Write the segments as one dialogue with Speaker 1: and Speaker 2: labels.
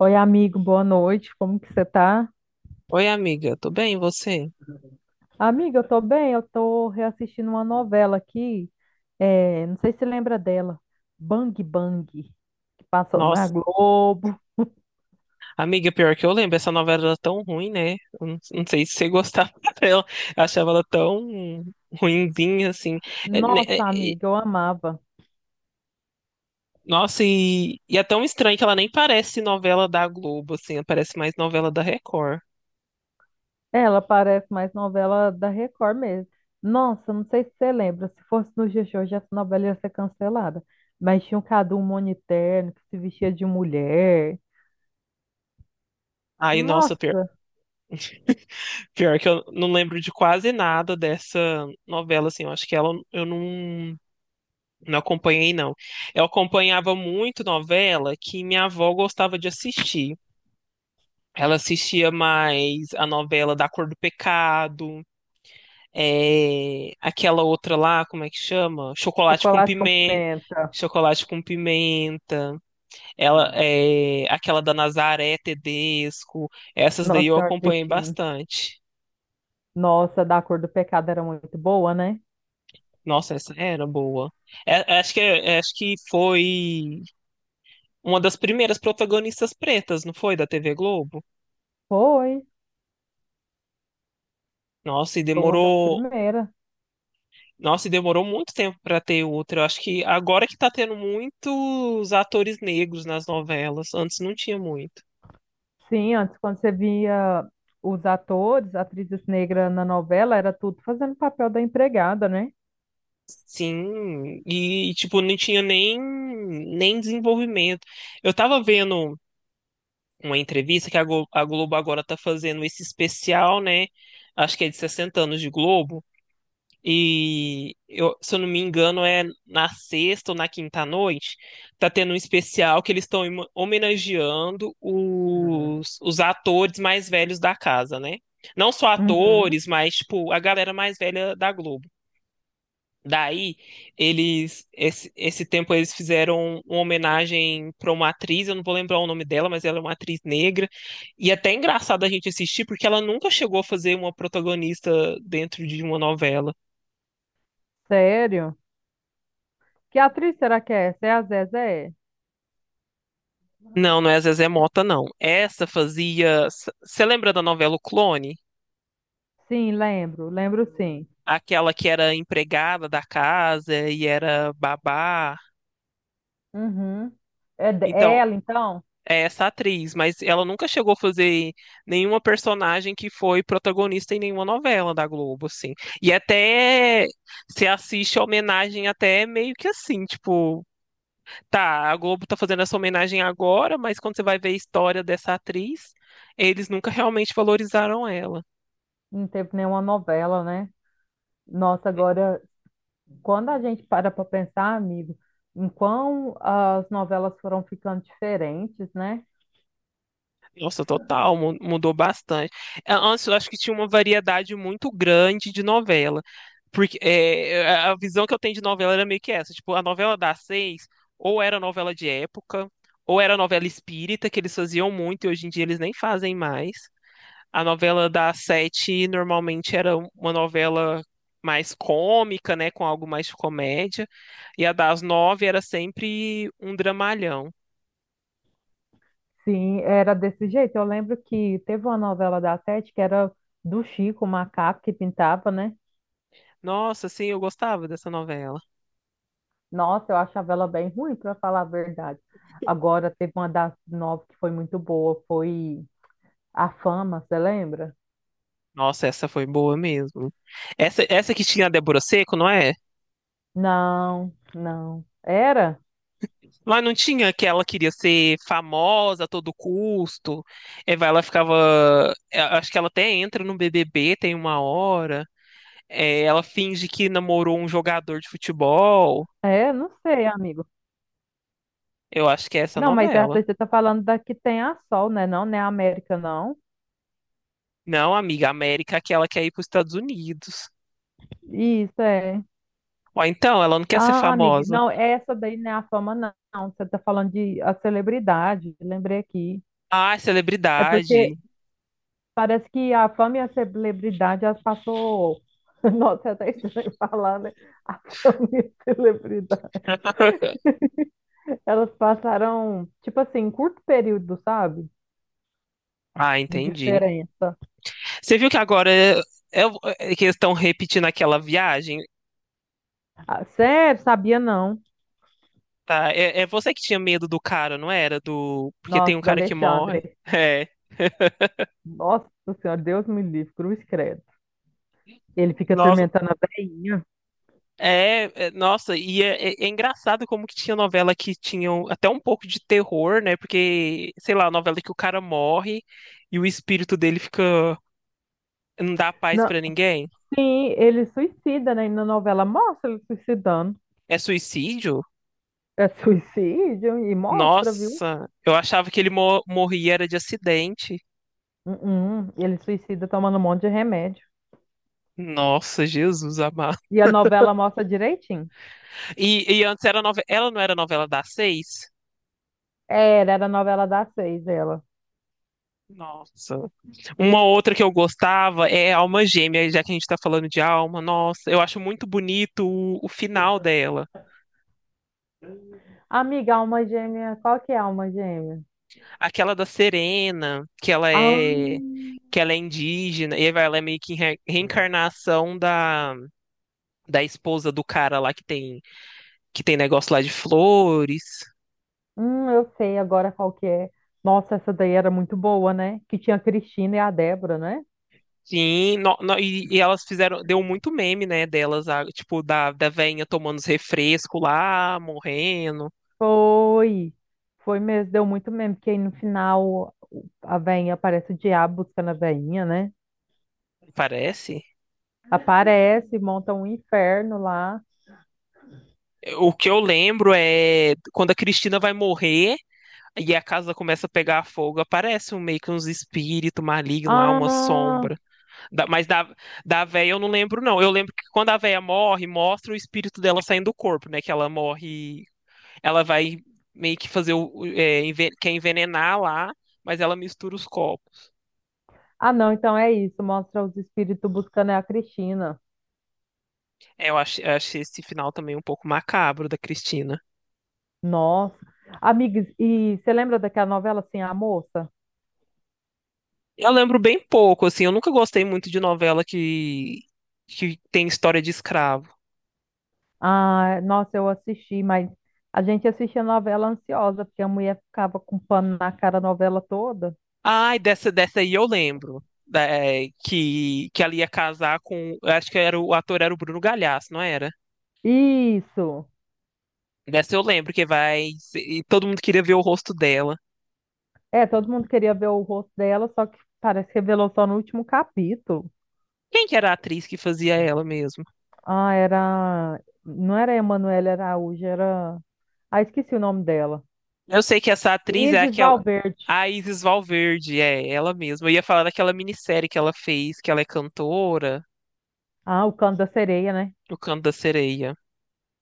Speaker 1: Oi, amigo, boa noite. Como que você tá?
Speaker 2: Oi, amiga, tudo bem? E você?
Speaker 1: Amiga, eu tô bem, eu tô reassistindo uma novela aqui. Não sei se você lembra dela. Bang Bang, que passou na
Speaker 2: Nossa,
Speaker 1: Globo.
Speaker 2: amiga, pior que eu lembro, essa novela era tão ruim, né? Eu Não, não sei se você gostava dela. Eu achava ela tão ruinzinha, assim. É, né, é,
Speaker 1: Nossa,
Speaker 2: e-
Speaker 1: amiga, eu amava.
Speaker 2: Nossa, e é tão estranho que ela nem parece novela da Globo, assim, ela parece mais novela da Record.
Speaker 1: Ela parece mais novela da Record mesmo. Nossa, não sei se você lembra. Se fosse no dia de hoje, essa novela ia ser cancelada. Mas tinha um Cadu Moniterno que se vestia de mulher.
Speaker 2: Aí, nossa, pior,
Speaker 1: Nossa,
Speaker 2: pior que eu não lembro de quase nada dessa novela, assim, eu acho que ela eu não, não acompanhei, não. Eu acompanhava muito novela que minha avó gostava de assistir. Ela assistia mais a novela Da Cor do Pecado, é, aquela outra lá, como é que chama? Chocolate com
Speaker 1: chocolate com
Speaker 2: pimenta.
Speaker 1: pimenta.
Speaker 2: Chocolate com pimenta, ela é aquela da Nazaré Tedesco, essas daí
Speaker 1: Nossa
Speaker 2: eu
Speaker 1: Senhora do
Speaker 2: acompanhei
Speaker 1: Destino.
Speaker 2: bastante.
Speaker 1: Nossa, da cor do pecado era muito boa, né?
Speaker 2: Nossa, essa era boa. Acho que foi uma das primeiras protagonistas pretas, não foi, da TV Globo?
Speaker 1: Foi,
Speaker 2: Nossa, e
Speaker 1: foi uma das
Speaker 2: demorou
Speaker 1: primeiras.
Speaker 2: Nossa, e demorou muito tempo pra ter outra. Eu acho que agora que tá tendo muitos atores negros nas novelas. Antes não tinha muito.
Speaker 1: Sim, antes, quando você via os atores, atrizes negras na novela, era tudo fazendo papel da empregada, né?
Speaker 2: Sim, e tipo, não tinha nem, nem desenvolvimento. Eu tava vendo uma entrevista que a a Globo agora tá fazendo esse especial, né? Acho que é de 60 anos de Globo. Se eu não me engano, é na sexta ou na quinta noite, tá tendo um especial que eles estão homenageando os atores mais velhos da casa, né? Não só
Speaker 1: Uhum.
Speaker 2: atores, mas tipo a galera mais velha da Globo. Daí, esse tempo eles fizeram uma homenagem para uma atriz, eu não vou lembrar o nome dela, mas ela é uma atriz negra. E até é engraçado a gente assistir porque ela nunca chegou a fazer uma protagonista dentro de uma novela.
Speaker 1: Sério? Que atriz será que é essa? É a Zezé?
Speaker 2: Não, não é Zezé Mota, não. Essa fazia. Você lembra da novela O Clone?
Speaker 1: Sim, lembro, lembro sim.
Speaker 2: Aquela que era empregada da casa e era babá.
Speaker 1: Uhum. É
Speaker 2: Então,
Speaker 1: ela, então?
Speaker 2: é essa atriz, mas ela nunca chegou a fazer nenhuma personagem que foi protagonista em nenhuma novela da Globo, assim. E até se assiste a homenagem até meio que assim, tipo, tá, a Globo tá fazendo essa homenagem agora, mas quando você vai ver a história dessa atriz, eles nunca realmente valorizaram ela.
Speaker 1: Não teve nenhuma novela, né? Nossa, agora quando a gente para pensar, amigo, em quão as novelas foram ficando diferentes, né?
Speaker 2: Nossa, total, mudou bastante. Antes eu acho que tinha uma variedade muito grande de novela. Porque é, a visão que eu tenho de novela era meio que essa. Tipo, a novela das seis, ou era novela de época, ou era novela espírita, que eles faziam muito e hoje em dia eles nem fazem mais. A novela das sete normalmente era uma novela mais cômica, né? Com algo mais de comédia. E a das nove era sempre um dramalhão.
Speaker 1: Sim, era desse jeito. Eu lembro que teve uma novela da Sete que era do Chico, o macaco que pintava, né?
Speaker 2: Nossa, sim, eu gostava dessa novela.
Speaker 1: Nossa, eu achava ela bem ruim, para falar a verdade. Agora, teve uma das nove que foi muito boa, foi A Fama, você lembra?
Speaker 2: Nossa, essa foi boa mesmo. Essa que tinha a Débora Seco, não é?
Speaker 1: Não, não. Era?
Speaker 2: Mas não tinha que ela queria ser famosa a todo custo. É, vai, ela ficava. É, acho que ela até entra no BBB, tem uma hora. É, ela finge que namorou um jogador de futebol.
Speaker 1: É, não sei, amigo.
Speaker 2: Eu acho que é essa
Speaker 1: Não, mas essa
Speaker 2: novela.
Speaker 1: aí você tá falando da que tem a Sol, né? Não, né a América, não.
Speaker 2: Não, amiga, a América que ela quer ir para os Estados Unidos.
Speaker 1: Isso é.
Speaker 2: Ou então, ela não quer ser
Speaker 1: Ah, amiga,
Speaker 2: famosa.
Speaker 1: não, essa daí não é a fama, não. Você está falando de a celebridade, lembrei aqui.
Speaker 2: Ah, é
Speaker 1: É porque
Speaker 2: celebridade.
Speaker 1: parece que a fama e a celebridade, elas passou. Nossa, é até estranho falar, né? A fama e a celebridade. Elas passaram, tipo assim, em curto período, sabe?
Speaker 2: Ah,
Speaker 1: De
Speaker 2: entendi.
Speaker 1: diferença.
Speaker 2: Você viu que agora é- é que eles estão repetindo aquela viagem,
Speaker 1: Ah, sério, sabia não.
Speaker 2: tá? É, é você que tinha medo do cara, não era? Do porque tem um
Speaker 1: Nossa, do
Speaker 2: cara que morre.
Speaker 1: Alexandre.
Speaker 2: É.
Speaker 1: Nossa Senhora, Deus me livre, cruz credo. Ele fica
Speaker 2: Nossa,
Speaker 1: atormentando a velhinha.
Speaker 2: nossa, é engraçado como que tinha novela que tinham até um pouco de terror, né? Porque, sei lá, novela que o cara morre e o espírito dele fica não dá paz pra ninguém.
Speaker 1: Sim, ele suicida, né? E na novela mostra ele suicidando.
Speaker 2: É suicídio?
Speaker 1: É suicídio e mostra, viu?
Speaker 2: Nossa, eu achava que ele morria era de acidente.
Speaker 1: Ele suicida tomando um monte de remédio.
Speaker 2: Nossa, Jesus amado.
Speaker 1: E a novela mostra direitinho.
Speaker 2: Ela não era novela das seis?
Speaker 1: Era, era a novela das seis, ela.
Speaker 2: Nossa. Uma outra que eu gostava é Alma Gêmea, já que a gente tá falando de alma. Nossa, eu acho muito bonito o final dela.
Speaker 1: Amiga, alma gêmea, qual que é a alma gêmea?
Speaker 2: Aquela da Serena,
Speaker 1: Ah,
Speaker 2: que ela é indígena, e ela é meio que reencarnação da esposa do cara lá que tem negócio lá de flores.
Speaker 1: eu sei agora qual que é. Nossa, essa daí era muito boa, né? Que tinha a Cristina e a Débora, né?
Speaker 2: Sim, e elas fizeram, deu muito meme, né, delas, tipo, da veinha tomando os refrescos lá, morrendo,
Speaker 1: Foi. Foi mesmo, deu muito mesmo, porque aí no final a veinha aparece o diabo buscando a veinha, né?
Speaker 2: parece.
Speaker 1: Aparece, monta um inferno lá.
Speaker 2: O que eu lembro é quando a Cristina vai morrer e a casa começa a pegar fogo, aparece um, meio que uns espíritos malignos lá, uma
Speaker 1: Ah,
Speaker 2: sombra. Da- mas da, da véia eu não lembro, não. Eu lembro que quando a véia morre, mostra o espírito dela saindo do corpo, né, que ela morre, ela vai meio que fazer quer envenenar lá, mas ela mistura os corpos.
Speaker 1: não, então é isso. Mostra os espíritos buscando a Cristina.
Speaker 2: É, eu achei esse final também um pouco macabro da Cristina.
Speaker 1: Nossa. Amigas, e você lembra daquela novela assim, a moça?
Speaker 2: Eu lembro bem pouco, assim, eu nunca gostei muito de que tem história de escravo.
Speaker 1: Ah, nossa, eu assisti, mas a gente assistia novela ansiosa, porque a mulher ficava com pano na cara a novela toda.
Speaker 2: Ai, dessa aí eu lembro. Que ela ia casar com. Eu Acho que era, o ator era o Bruno Galhaço, não era?
Speaker 1: Isso.
Speaker 2: Dessa eu lembro que vai. E todo mundo queria ver o rosto dela.
Speaker 1: É, todo mundo queria ver o rosto dela, só que parece que revelou só no último capítulo.
Speaker 2: Quem que era a atriz que fazia ela mesmo?
Speaker 1: Ah, era. Não era Emanuele Araújo, era. Ah, esqueci o nome dela.
Speaker 2: Eu sei que essa atriz é
Speaker 1: Isis
Speaker 2: aquela.
Speaker 1: Valverde.
Speaker 2: A Isis Valverde, é ela mesma. Eu ia falar daquela minissérie que ela fez, que ela é cantora.
Speaker 1: Ah, o Canto da Sereia, né?
Speaker 2: O canto da sereia.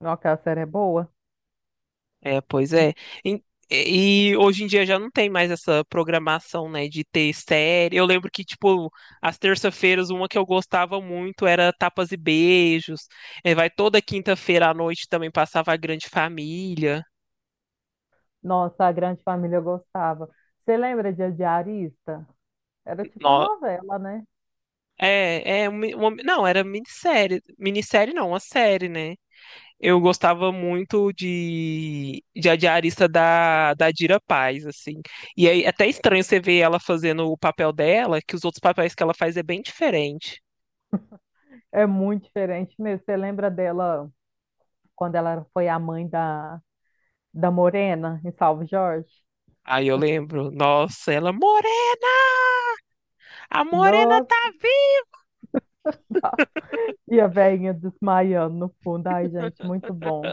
Speaker 1: Não, aquela série é boa.
Speaker 2: É, pois é. Em- e hoje em dia já não tem mais essa programação, né, de ter série. Eu lembro que, tipo, às terça-feiras, uma que eu gostava muito era Tapas e Beijos. É, vai toda quinta-feira à noite também passava a Grande Família.
Speaker 1: Nossa, a Grande Família eu gostava. Você lembra de A Diarista? Era tipo uma
Speaker 2: No-
Speaker 1: novela, né?
Speaker 2: é não, era minissérie. Minissérie não, uma série, né? Eu gostava muito de a diarista da Dira Paz, assim. E aí, é até estranho você ver ela fazendo o papel dela, que os outros papéis que ela faz é bem diferente.
Speaker 1: É muito diferente mesmo. Você lembra dela quando ela foi a mãe da, da Morena, em Salve Jorge.
Speaker 2: Aí eu lembro, nossa, ela, é Morena, a Morena tá
Speaker 1: Nossa,
Speaker 2: viva!
Speaker 1: e a velhinha desmaiando no fundo. Ai, gente, muito bom.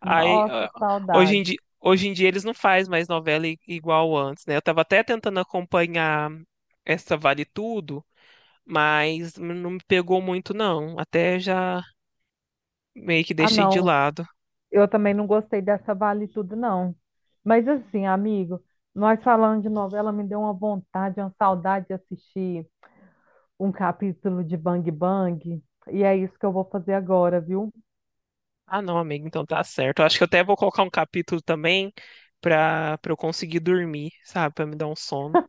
Speaker 2: Aí,
Speaker 1: Nossa,
Speaker 2: ah,
Speaker 1: saudade.
Speaker 2: hoje em dia eles não fazem mais novela igual antes, né? Eu tava até tentando acompanhar essa Vale Tudo, mas não me pegou muito, não. Até já meio que
Speaker 1: Ah,
Speaker 2: deixei de
Speaker 1: não,
Speaker 2: lado.
Speaker 1: eu também não gostei dessa Vale Tudo, não. Mas assim, amigo, nós falando de novela, me deu uma vontade, uma saudade de assistir um capítulo de Bang Bang. E é isso que eu vou fazer agora, viu?
Speaker 2: Ah, não, amigo, então tá certo. Eu acho que eu até vou colocar um capítulo também pra eu conseguir dormir, sabe? Pra me dar um sono.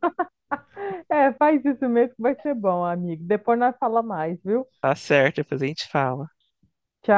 Speaker 1: É, faz isso mesmo que vai ser bom, amigo. Depois nós fala mais, viu?
Speaker 2: Tá certo, depois a gente fala.
Speaker 1: Tchau.